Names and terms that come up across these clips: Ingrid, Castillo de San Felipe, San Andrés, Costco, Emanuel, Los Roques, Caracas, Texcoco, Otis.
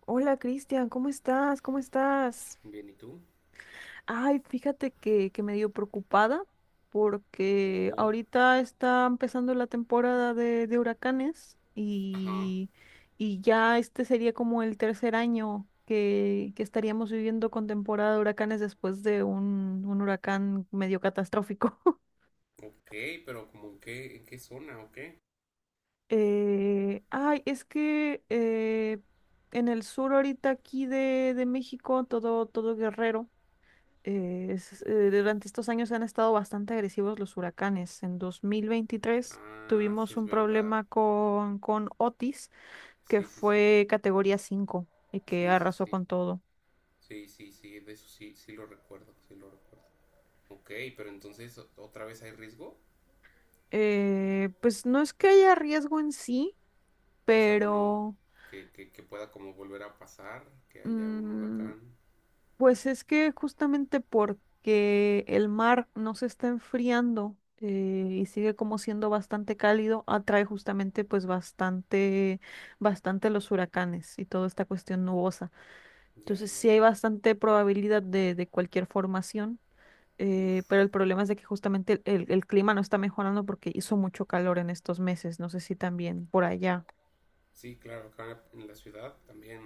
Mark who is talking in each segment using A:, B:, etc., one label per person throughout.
A: Hola Cristian, ¿cómo estás? ¿Cómo estás?
B: Bien, ¿y tú?
A: Ay, fíjate que medio preocupada porque
B: Por.
A: ahorita está empezando la temporada de huracanes
B: Ajá.
A: y ya este sería como el tercer año que estaríamos viviendo con temporada de huracanes después de un huracán medio catastrófico.
B: Ok, pero como en qué zona o qué?
A: Es que en el sur ahorita aquí de México, todo, todo Guerrero. Durante estos años han estado bastante agresivos los huracanes. En 2023
B: Ah, sí
A: tuvimos
B: es
A: un
B: verdad.
A: problema con Otis, que
B: Sí, sí, sí.
A: fue categoría 5 y que
B: Sí, sí,
A: arrasó
B: sí.
A: con todo.
B: Sí, sí, sí. De eso sí, sí lo recuerdo, sí lo recuerdo. Ok, pero entonces otra vez hay riesgo.
A: Pues no es que haya riesgo en sí,
B: O sea, bueno,
A: pero...
B: que pueda como volver a pasar, que haya un
A: mm,
B: huracán.
A: pues es que justamente porque el mar no se está enfriando, y sigue como siendo bastante cálido, atrae justamente pues bastante, bastante los huracanes y toda esta cuestión nubosa.
B: Ya,
A: Entonces
B: ya,
A: sí hay
B: ya.
A: bastante probabilidad de cualquier formación,
B: Uf.
A: pero el problema es de que justamente el clima no está mejorando porque hizo mucho calor en estos meses. No sé si también por allá.
B: Sí, claro, acá en la ciudad también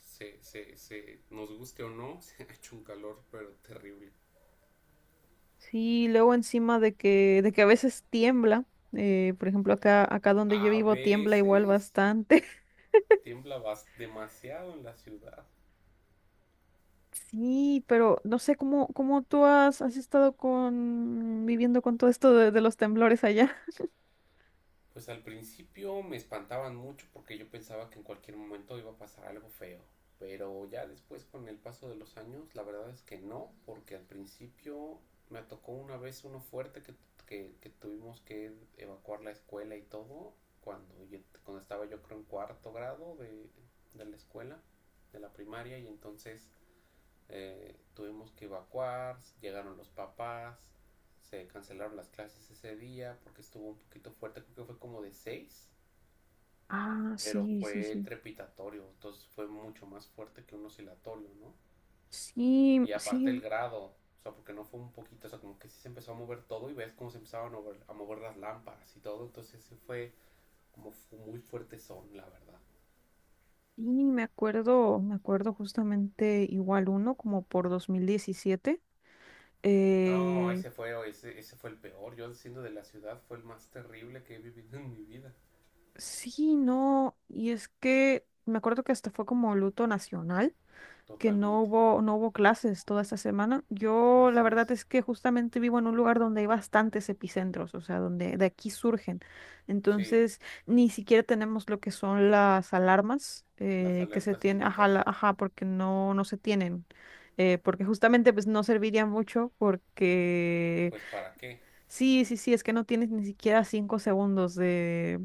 B: nos guste o no, se ha hecho un calor, pero terrible.
A: Sí, luego encima de que a veces tiembla, por ejemplo, acá donde yo
B: A
A: vivo tiembla igual
B: veces
A: bastante.
B: tiembla demasiado en la ciudad.
A: Sí, pero no sé cómo, cómo tú has, has estado con, viviendo con todo esto de los temblores allá.
B: Pues al principio me espantaban mucho porque yo pensaba que en cualquier momento iba a pasar algo feo. Pero ya después con el paso de los años, la verdad es que no, porque al principio me tocó una vez uno fuerte que, que tuvimos que evacuar la escuela y todo, cuando, cuando estaba yo creo en cuarto grado de la escuela, de la primaria, y entonces tuvimos que evacuar, llegaron los papás, se cancelaron las clases ese día porque estuvo un poquito fuerte, creo que fue como de seis,
A: Ah,
B: pero
A: sí, sí,
B: fue
A: sí.
B: trepidatorio, entonces fue mucho más fuerte que un oscilatorio, ¿no?
A: Sí,
B: Y aparte el
A: sí,
B: grado, o sea, porque no fue un poquito, o sea, como que sí se empezó a mover todo y ves cómo se empezaban a mover las lámparas y todo, entonces sí fue como muy fuerte son, la verdad.
A: sí, me acuerdo justamente igual uno, como por 2017.
B: No,
A: Eh,
B: ese fue, ese fue el peor. Yo siendo de la ciudad fue el más terrible que he vivido en mi vida.
A: sí, no, y es que me acuerdo que hasta fue como luto nacional. Que no
B: Totalmente.
A: hubo, no hubo clases toda esta semana. Yo la
B: Así
A: verdad
B: es.
A: es que justamente vivo en un lugar donde hay bastantes epicentros, o sea, donde de aquí surgen.
B: Sí,
A: Entonces, ni siquiera tenemos lo que son las alarmas,
B: las
A: que se
B: alertas
A: tienen, ajá,
B: sísmicas,
A: ajá, porque no, no se tienen. Porque justamente pues no serviría mucho porque
B: pues para qué,
A: sí, sí, sí, es que no tienes ni siquiera 5 segundos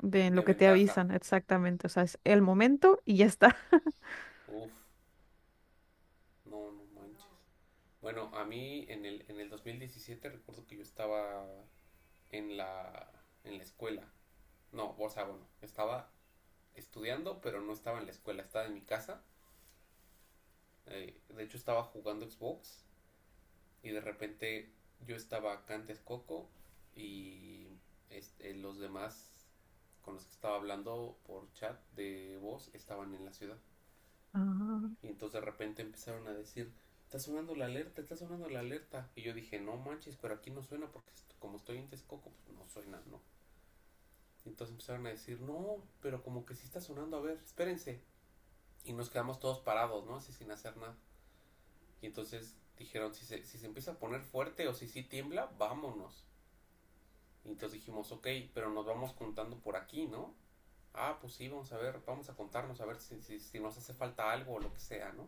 A: de lo
B: de
A: que te
B: ventaja.
A: avisan exactamente. O sea, es el momento y ya está.
B: Uf, no, no manches. Bueno, a mí en el 2017 recuerdo que yo estaba en la, en la escuela. No, o sea, bueno, estaba estudiando, pero no estaba en la escuela, estaba en mi casa. De hecho, estaba jugando Xbox y de repente yo estaba acá en Texcoco y este, los demás con los que estaba hablando por chat de voz estaban en la ciudad.
A: Ah.
B: Y entonces de repente empezaron a decir, está sonando la alerta, está sonando la alerta. Y yo dije, no manches, pero aquí no suena porque como estoy en Texcoco, pues no suena, ¿no? Y entonces empezaron a decir, no, pero como que sí está sonando, a ver, espérense. Y nos quedamos todos parados, ¿no? Así sin hacer nada. Y entonces dijeron, si se empieza a poner fuerte o si sí tiembla, vámonos. Y entonces dijimos, ok, pero nos vamos contando por aquí, ¿no? Ah, pues sí, vamos a ver, vamos a contarnos, a ver si nos hace falta algo o lo que sea, ¿no?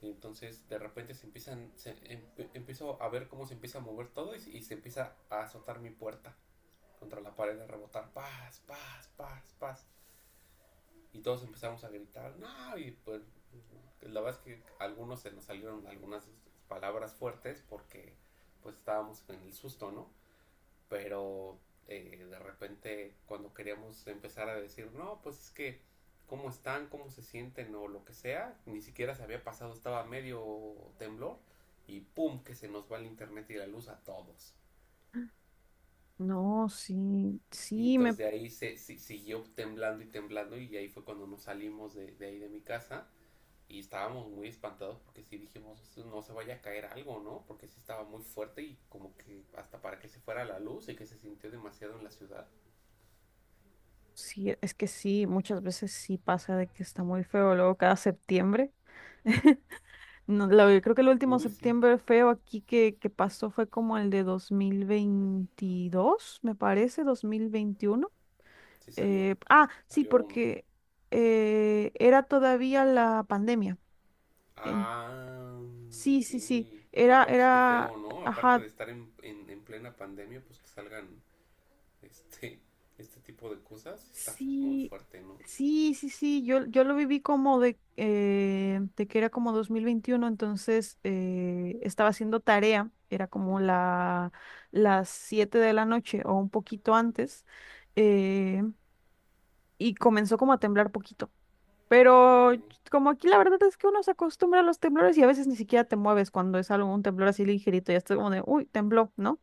B: Y entonces de repente se empiezan, empiezo a ver cómo se empieza a mover todo y, se empieza a azotar mi puerta contra la pared, a rebotar, paz, paz, paz, paz. Y todos empezamos a gritar, no, y pues la verdad es que a algunos se nos salieron algunas palabras fuertes porque pues estábamos en el susto, ¿no? Pero de repente cuando queríamos empezar a decir, no, pues es que cómo están, cómo se sienten o lo que sea, ni siquiera se había pasado, estaba medio temblor y pum, que se nos va el internet y la luz a todos.
A: No, sí,
B: Y
A: sí,
B: entonces
A: me,
B: de ahí se, siguió temblando y temblando y ahí fue cuando nos salimos de ahí de mi casa y estábamos muy espantados porque sí dijimos, no se vaya a caer algo, ¿no? Porque sí estaba muy fuerte y como que hasta para que se fuera la luz y que se sintió demasiado en la ciudad.
A: sí, es que sí, muchas veces sí pasa de que está muy feo. Luego cada septiembre, no, yo creo que el último
B: Uy, sí.
A: septiembre feo aquí que pasó fue como el de 2022 me parece, 2021.
B: Sí salió,
A: Sí,
B: salió uno.
A: porque era todavía la pandemia. En-
B: Ah,
A: sí,
B: ok.
A: sí, sí,
B: No, pues qué
A: era,
B: feo, ¿no? Aparte
A: ajá.
B: de estar en plena pandemia, pues que salgan este, este tipo de cosas, está muy
A: Sí,
B: fuerte, ¿no?
A: sí, sí, sí, yo lo viví como de que era como 2021. Entonces estaba haciendo tarea, era como
B: Ujú.
A: las 7 de la noche o un poquito antes, eh, y comenzó como a temblar poquito.
B: Ok.
A: Pero como aquí la verdad es que uno se acostumbra a los temblores y a veces ni siquiera te mueves cuando es algo, un temblor así ligerito, ya estás como de, uy, tembló, ¿no?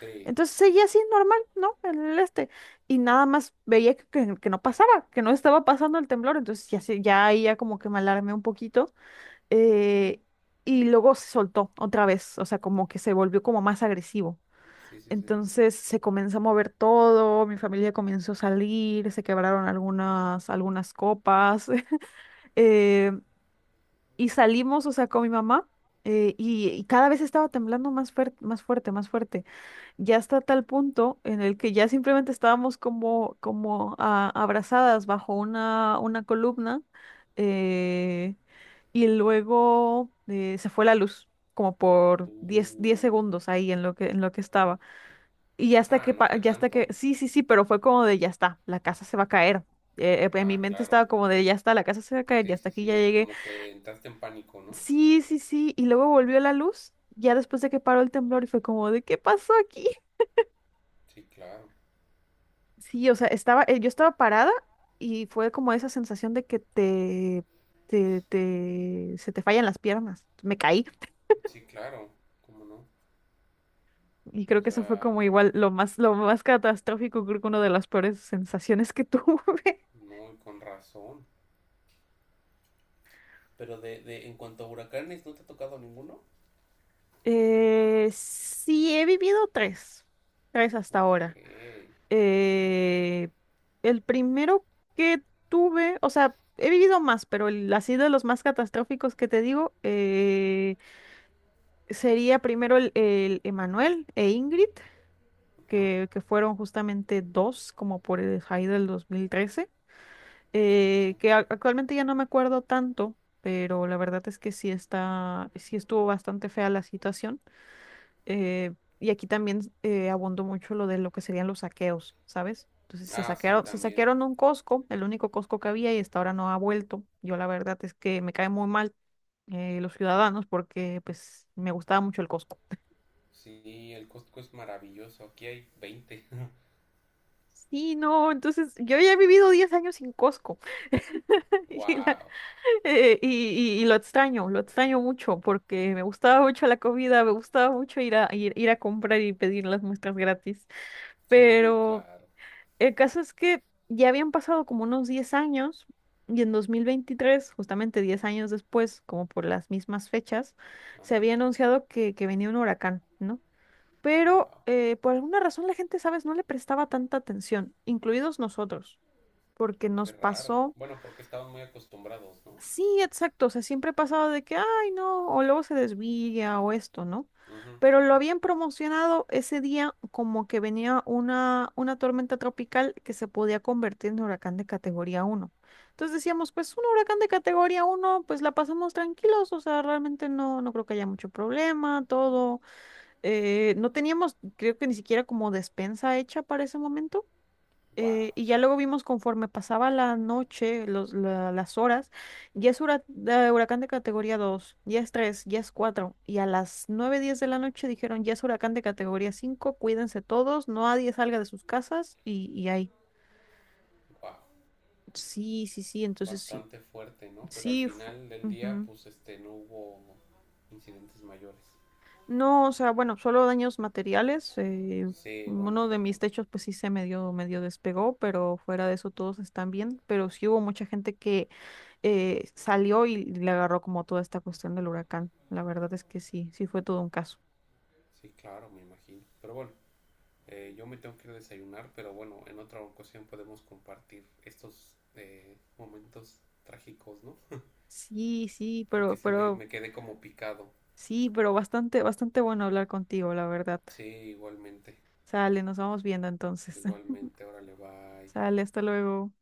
B: Sí,
A: Entonces seguía así normal, ¿no? En el este. Y nada más veía que, que no pasaba, que no estaba pasando el temblor. Entonces ya, ya ahí ya como que me alarmé un poquito. eh, y luego se soltó otra vez, o sea, como que se volvió como más agresivo.
B: sí, sí, sí.
A: Entonces se comenzó a mover todo, mi familia comenzó a salir, se quebraron algunas copas. eh, y salimos, o sea, con mi mamá. Y cada vez estaba temblando más fuerte, más fuerte, más fuerte, ya hasta tal punto en el que ya simplemente estábamos como ah, abrazadas bajo una columna. Eh, y luego eh, se fue la luz, como
B: Uh,
A: por diez segundos ahí en lo que estaba. Y ya hasta
B: ah,
A: que,
B: no fue
A: ya hasta que,
B: tanto.
A: sí, sí, sí, pero fue como de ya está, la casa se va a caer. En mi
B: Ah,
A: mente
B: claro.
A: estaba como de ya está, la casa se va a caer, ya
B: Sí,
A: hasta
B: sí,
A: aquí ya
B: sí, o sea,
A: llegué.
B: como que entraste en pánico, ¿no?
A: Sí, sí, sí, y luego volvió la luz, ya después de que paró el temblor y fue como de, ¿qué pasó aquí?
B: Sí, claro.
A: Sí, o sea, estaba, yo estaba parada y fue como esa sensación de que te, se te fallan las piernas. Me caí
B: Sí, claro. ¿Cómo no?
A: y creo
B: O
A: que eso fue
B: sea,
A: como
B: wow.
A: igual lo más catastrófico, creo que una de las peores sensaciones que tuve.
B: No, y con razón. Pero de en cuanto a huracanes, ¿no te ha tocado ninguno?
A: Sí, he vivido tres, tres hasta
B: Ok.
A: ahora. Eh, el primero que tuve, o sea, he vivido más, pero el, así de los más catastróficos que te digo, sería primero el Emanuel e Ingrid,
B: Ajá.
A: que fueron justamente dos, como por el high del 2013,
B: Sí, sí, sí.
A: que actualmente ya no me acuerdo tanto, pero la verdad es que sí está, sí estuvo bastante fea la situación. eh, y aquí también abundó mucho lo de lo que serían los saqueos, ¿sabes? Entonces
B: Ah, sí,
A: se
B: también.
A: saquearon un Costco, el único Costco que había y hasta ahora no ha vuelto. Yo la verdad es que me cae muy mal, los ciudadanos, porque pues me gustaba mucho el Costco.
B: Sí, el Costco es maravilloso. Aquí hay 20.
A: Sí, no, entonces yo ya he vivido 10 años sin Costco y, la-
B: Wow.
A: eh, y, y y lo extraño mucho porque me gustaba mucho la comida, me gustaba mucho ir a, ir a comprar y pedir las muestras gratis.
B: Sí,
A: Pero
B: claro.
A: el caso es que ya habían pasado como unos 10 años y en 2023, justamente 10 años después, como por las mismas fechas, se
B: Ajá.
A: había anunciado que venía un huracán, ¿no? Pero
B: Wow.
A: por alguna razón la gente, ¿sabes?, no le prestaba tanta atención, incluidos nosotros, porque
B: Qué
A: nos
B: raro.
A: pasó,
B: Bueno, porque estaban muy acostumbrados, ¿no?
A: sí, exacto, o sea, siempre pasaba de que, ay, no, o luego se desvía o esto, ¿no?
B: Ujú,
A: Pero lo
B: ujú.
A: habían promocionado ese día como que venía una tormenta tropical que se podía convertir en huracán de categoría 1. Entonces decíamos, pues un huracán de categoría 1 pues la pasamos tranquilos, o sea, realmente no, no creo que haya mucho problema, todo. No teníamos, creo que ni siquiera como despensa hecha para ese momento.
B: Wow.
A: Y ya luego vimos conforme pasaba la noche, las horas, ya es huracán de categoría 2, ya es tres, ya es cuatro. Y a las 9:10 de la noche dijeron, ya es huracán de categoría 5, cuídense todos, no, nadie salga de sus casas y ahí.
B: Wow.
A: Sí, sí, sí, entonces sí,
B: Bastante fuerte, ¿no? Pero al
A: sí.
B: final del día,
A: Ujú.
B: pues este, no hubo incidentes mayores.
A: No, o sea, bueno, solo daños materiales.
B: Sí, bueno,
A: Uno de mis
B: fortuna.
A: techos, pues sí se medio, medio despegó, pero fuera de eso todos están bien. Pero sí hubo mucha gente que salió y le agarró como toda esta cuestión del huracán. La verdad es que sí, sí fue todo un caso.
B: Sí, claro, me imagino. Pero bueno, yo me tengo que ir a desayunar, pero bueno, en otra ocasión podemos compartir estos momentos trágicos, ¿no?
A: Sí, sí,
B: Porque sí me,
A: pero,
B: me quedé como picado.
A: sí, pero bastante, bastante bueno hablar contigo, la verdad.
B: Sí, igualmente.
A: Sale, nos vamos viendo entonces.
B: Igualmente, órale, bye.
A: Sale, hasta luego.